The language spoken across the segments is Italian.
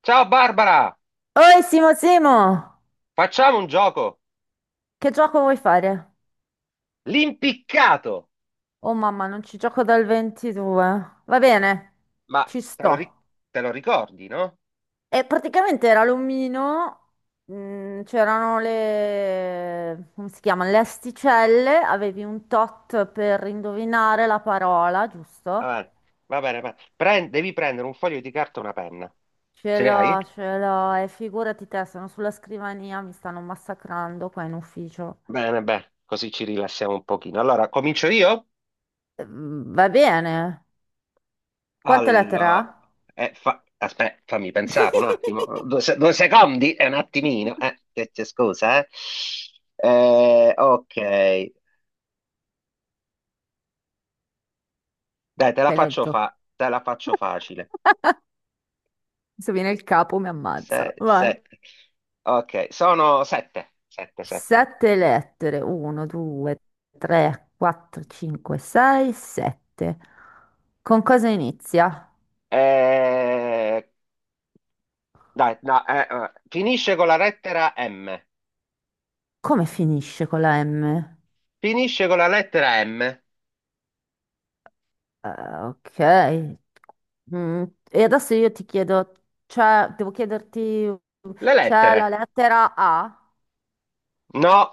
Ciao Barbara, Oi Simo, facciamo un gioco. che gioco vuoi fare? L'impiccato. Oh mamma, non ci gioco dal 22. Va bene, Ma ci te lo, ri- sto. te lo ricordi, no? E praticamente era l'omino, c'erano le... come si chiama? Le asticelle, avevi un tot per indovinare la parola, Va giusto? bene, va bene. Devi prendere un foglio di carta e una penna. Ce ne hai? Ce l'ho, e figurati te, sono sulla scrivania, mi stanno massacrando qua in ufficio. Bene, bene, così ci rilassiamo un pochino. Allora, comincio io? Va bene, quante lettere Allora, ha? Aspetta, fammi pensare un attimo. Due, due secondi, è un attimino. Che c'è, scusa, eh. Ok, dai, Sei lento. Te la faccio facile. Se viene il capo mi Sei, ammazza. Vai. sette. Ok, sono sette, sette, sette. Sette lettere. 1, 2, 3, 4, 5, 6, 7. Con cosa inizia? Eh, Dai, no, finisce con la lettera M. Come finisce con la M? Finisce con la lettera M. Eh, ok. Mm, e adesso io ti chiedo, devo chiederti, Le c'è la lettere. lettera A? No.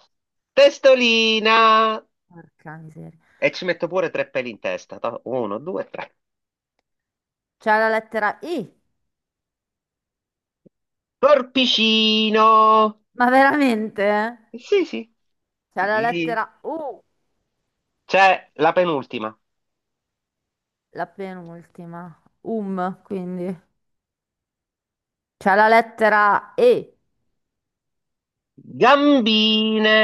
Testolina. Porca miseria. E ci metto pure tre peli in testa. Uno, due, tre. C'è la lettera I? Corpicino. Ma veramente? Sì, sì. C'è la Sì. lettera U, C'è la penultima. la penultima. Quindi. C'è la lettera E. Gambine.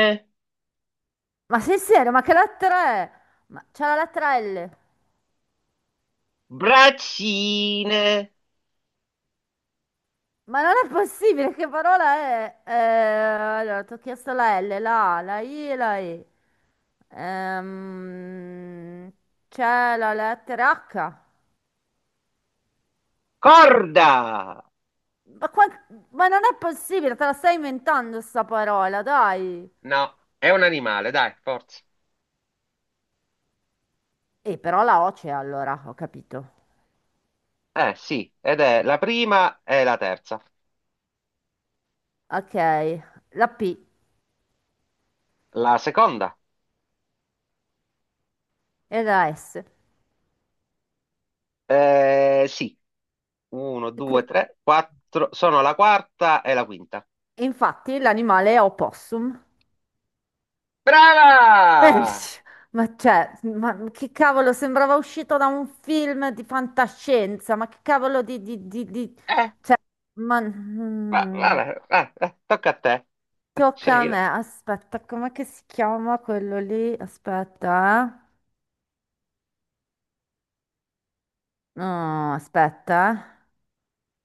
Ma sei serio? Ma che lettera è? Ma c'è la lettera L. Braccine. Ma non è possibile, che parola è? Allora, ti ho chiesto la L, la A, la I e la E. Ehm, C'è la lettera H. Corda. Ma, qua- ma non è possibile, te la stai inventando sta parola, dai. No, è un animale, dai, forza. E però la O c'è allora, ho capito. Eh sì, ed è la prima e la terza. Ok, la P La seconda? e la S. Eh sì, uno, due, qui- tre, quattro, sono la quarta e la quinta. Infatti l'animale è opossum. Eh, Brava! ma cioè, ma che cavolo, sembrava uscito da un film di fantascienza, ma che cavolo Eh, cioè, ma, Vabbè, tocca a te. tocca a Scegli. Me, aspetta, com'è che si chiama quello lì? Aspetta, eh. No, aspetta,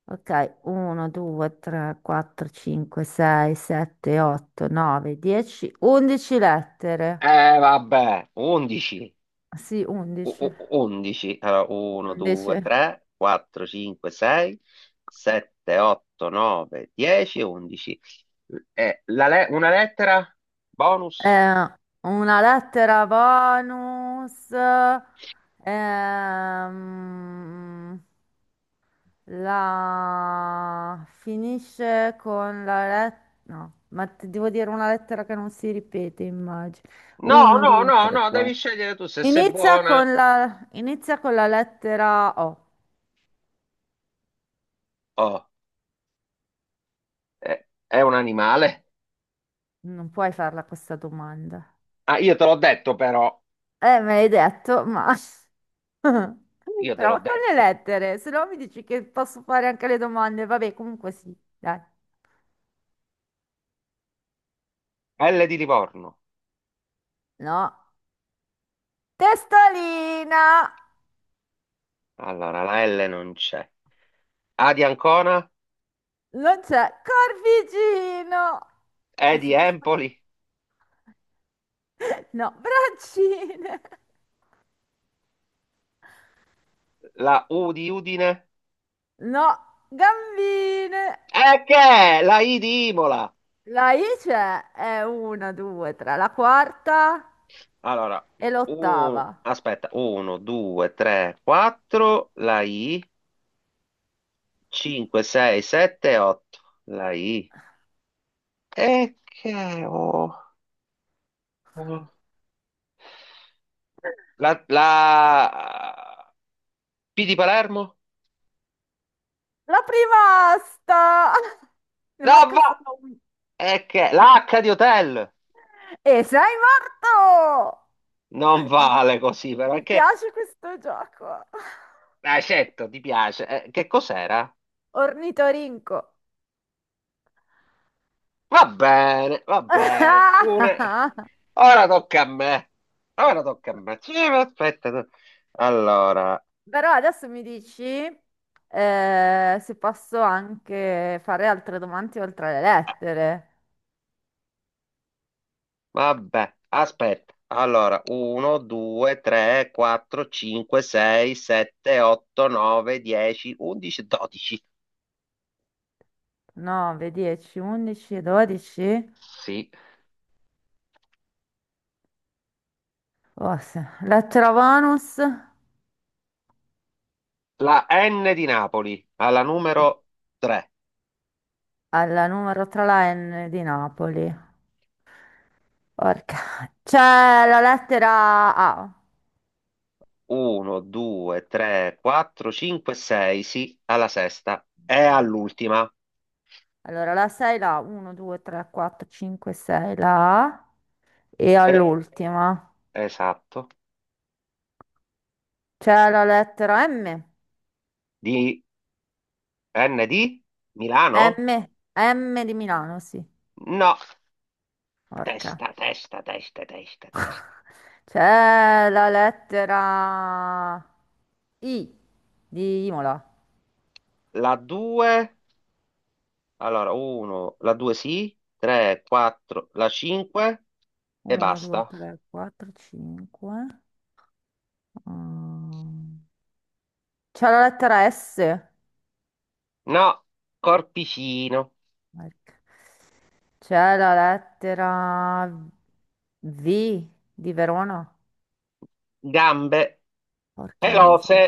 Ok, 1, 2, 3, 4, 5, 6, 7, 8, 9, 10, 11 lettere, Eh vabbè, undici. sì, o- 11, o- 11, allora 1, 11. 2, 3, 4, 5, 6, 7, 8, 9, 10, 11. Una lettera? Bonus? Eh, una lettera Vanus, ehm, la finisce con la lettera, no, ma ti devo dire una lettera che non si ripete, immagino. No, Uno, no, due, no, tre, no, devi quattro. scegliere tu se sei Inizia buona. con la, inizia con la lettera O. Oh, è un animale? Non puoi farla questa domanda. Ah, io te l'ho detto però, Me l'hai detto, ma... io te l'ho Prova con le detto. lettere, se no mi dici che posso fare anche le domande. Vabbè, comunque sì, dai. L di Livorno. No. Testolina! Allora, la L non c'è. A di Ancona? Non c'è. Corvigino! E di Adesso ti faccio... Empoli? No, braccine! La U di Udine? No, gambine! E che? È? La I di Imola? La I c'è, è una, due, tre, la quarta Allora, e l'ottava. aspetta, 1, 2, 3, 4, la I, 5, 6, 7, 8, la I. E che ho? ho- la P di Palermo? La prima asta! Ne No, manca va! solo una. E che? L'H di Hotel? E sei morto! Non Mi, vale così, però, è mi che. piace questo gioco. L'accetto, ti piace. Che cos'era? Ornitorinco. Va bene, va bene. Ora tocca a me. Ora tocca a me. Sì, ma aspetta. No. Allora, Però adesso mi dici se posso anche fare altre domande oltre le lettere. vabbè, aspetta. Allora, 1, 2, 3, 4, 5, 6, 7, 8, 9, 10, 11, 12. 9, 10, 11, 12. Sì. Oh, lettera bonus La N di Napoli, alla numero 3. alla numero 3 la N di Napoli. Porca. C'è la lettera A. 1, 2, 3, 4, 5, 6, sì, alla sesta. E all'ultima. Allora, la 6, la 1, 2, 3, 4, 5, 6, la A e E- all'ultima Esatto. c'è la lettera M. Di N di Milano? M, M di Milano, sì. No, Porca. testa, testa, testa, testa, testa. C'è la lettera I di Imola. La 2, allora 1, la 2 sì, 3, 4, la 5 e 1, 2, basta. 3, 4, 5. C'è la lettera S. No, corpicino, Porca. C'è la lettera V di Verona. gambe Porca la pelose, miseria.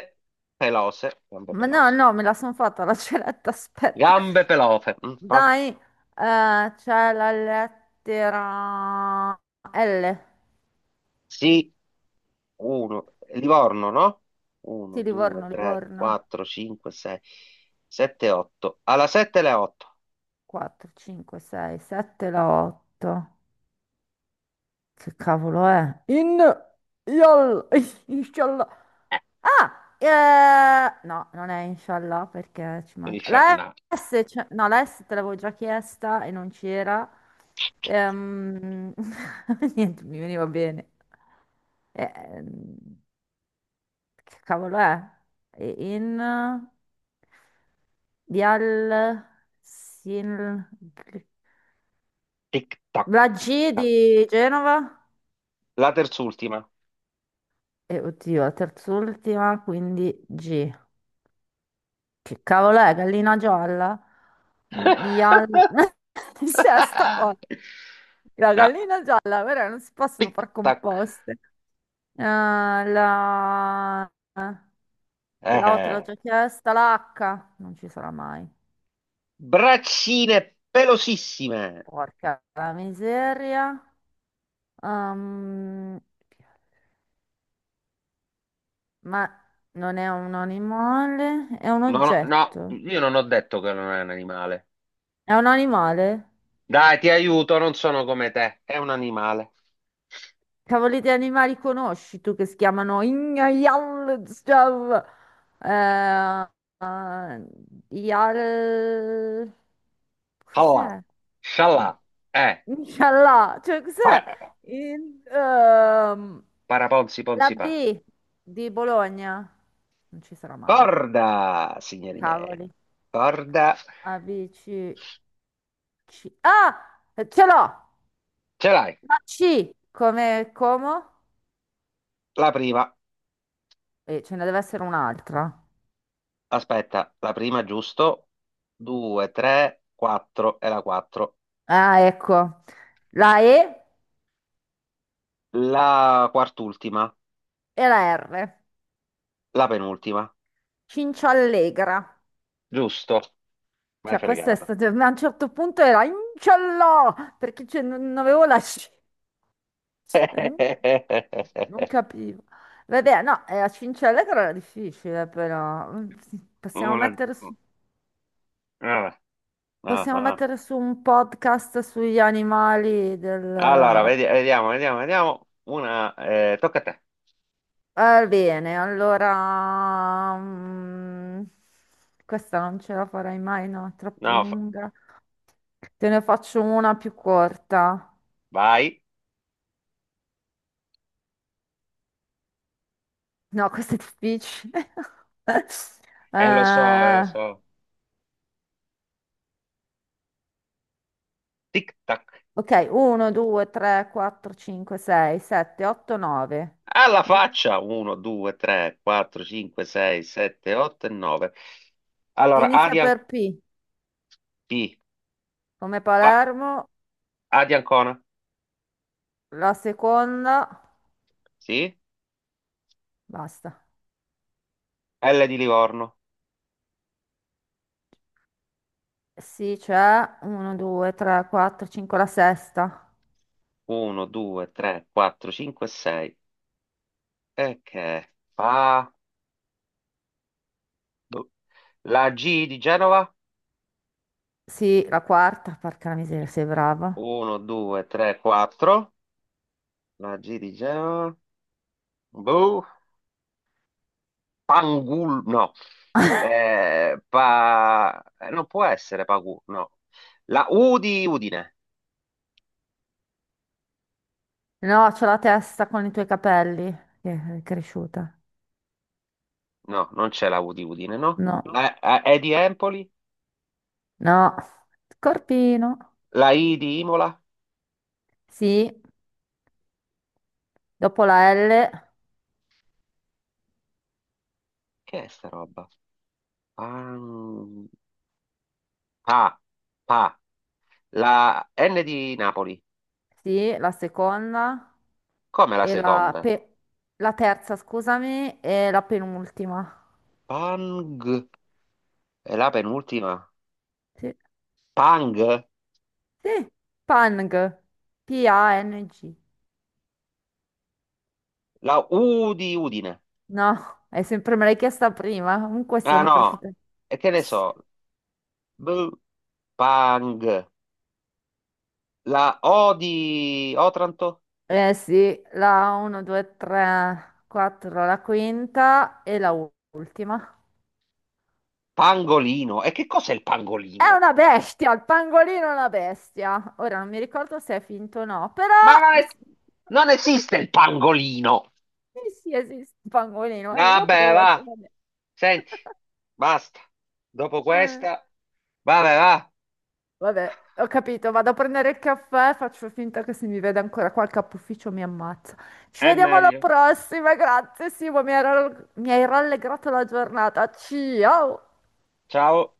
pelose, gambe Ma no, pelose, no, me la sono fatta la celetta, aspetta. gambe pelose. Dai, c'è la lettera L Sì, 1, Livorno, no? di 1, 2, Livorno, 3, Livorno. 4, 5, 6, 7, 8. Alla 7 le 8. 4, 5, 6, 7, la 8. Che cavolo è? In, yol, inshallah. Ah, no, non è inshallah perché ci Eh, manca. La S, no, la S te l'avevo già chiesta e non c'era. Ehm, niente, mi veniva bene. Ehm, che cavolo è? E In Vial Sin Tic-tac, la G tic-tac. di Genova? La terz'ultima. E oddio, la terz'ultima, quindi G. Che cavolo è? Gallina gialla? Ial... Sesta cosa. La No, gallina gialla, però non si possono far tic-tac. composte. La... La O te l'ho Eh. già chiesta, la H non ci sarà mai. Braccine pelosissime. Porca la miseria. Ehm, ma non è un animale, è un No, no, no, oggetto. io non ho detto che non è un animale. È un animale? Dai, ti aiuto, non sono come te. È un animale. Cavoli di animali conosci tu che si chiamano Ignajallstav? Eh, eh, Yal... Allah, Cos'è? scialla, eh. Inshallah, cioè cos'è? Pa- In- ehm, paraponzi, la ponzi, pa. B di Bologna. Non ci sarà mai. Corda, signori miei. Cavoli. Corda. A, B, C, C. Ah! Ce l'ho! Ce l'hai, La C come Como? la prima. E ce ne deve essere un'altra. Aspetta, la prima giusto. 2, 3, 4 e la 4. Ah, ecco. La E La quart'ultima, e la R. la penultima. Cinciallegra. Giusto. M'hai Cioè, questa è fregato. stata... ma a un certo punto era inciallò, perché cioè, non non avevo la... Non non capivo. Vabbè, no, la Cinciallegra era difficile, però. Sì, Una... Vabbè, ah, possiamo ah. mettere su un podcast sugli animali Allora, del... vediamo, vediamo, vediamo. Tocca a te. Va bene, allora... questa non ce la farai mai, no? È troppo No, lunga. Te ne faccio una più corta. vai. No, questa è difficile. Lo so, lo Eh, so. Tic tac. ok, 1, 2, 3, 4, 5, 6, 7, 8, 9. Alla faccia. 1, 2, 3, 4, 5, 6, 7, 8 e 9. Allora, Inizia Arial per P, P. come Palermo, A di Ancona. la seconda, Sì. basta. L di Livorno. Sì, c'è 1, 2, 3, 4, 5, la sesta. 1, 2, 3, 4, 5, 6. E che fa? Boh. La G di Genova. Sì, la quarta, porca la miseria, sei brava. 1, 2, 3, 4. La G di Genova. Boh. Pangul. No. Non può essere Pagu. No. La U di Udine. No, c'ho la testa con i tuoi capelli, che è cresciuta. No, non c'è la U di Udine, no? No. La E di Empoli. No, Scorpino. La I di Imola. Sì, dopo la L, Che è sta roba? Pan- Pa. Pa. La N di Napoli. sì, la seconda Come la e seconda? La terza, scusami, e la penultima. Pang. È la penultima. Sì, Pang. sì, Pang, P-A-N-G. La U di Udine. No, è sempre me l'hai chiesta prima, comunque Ah sono no. cresciuta. E che ne so? B. Pang. La O di Otranto. Eh sì, la 1, 2, 3, 4, la quinta e la ultima. Pangolino. E che cos'è il È pangolino? una bestia, il pangolino è una bestia. Ora non mi ricordo se è finto o no, però Ma sì, non esiste il pangolino. sì, esiste il pangolino, dopo Vabbè, devo va. facciamo vedere. Senti, basta. Dopo Eh, questa, vabbè, va. Vabbè, ho capito, vado a prendere il caffè, faccio finta che se mi vede ancora qua il capufficio mi ammazza. Ci È vediamo alla meglio. prossima, grazie Simo, mi hai rallegrato la giornata. Ciao! Ciao.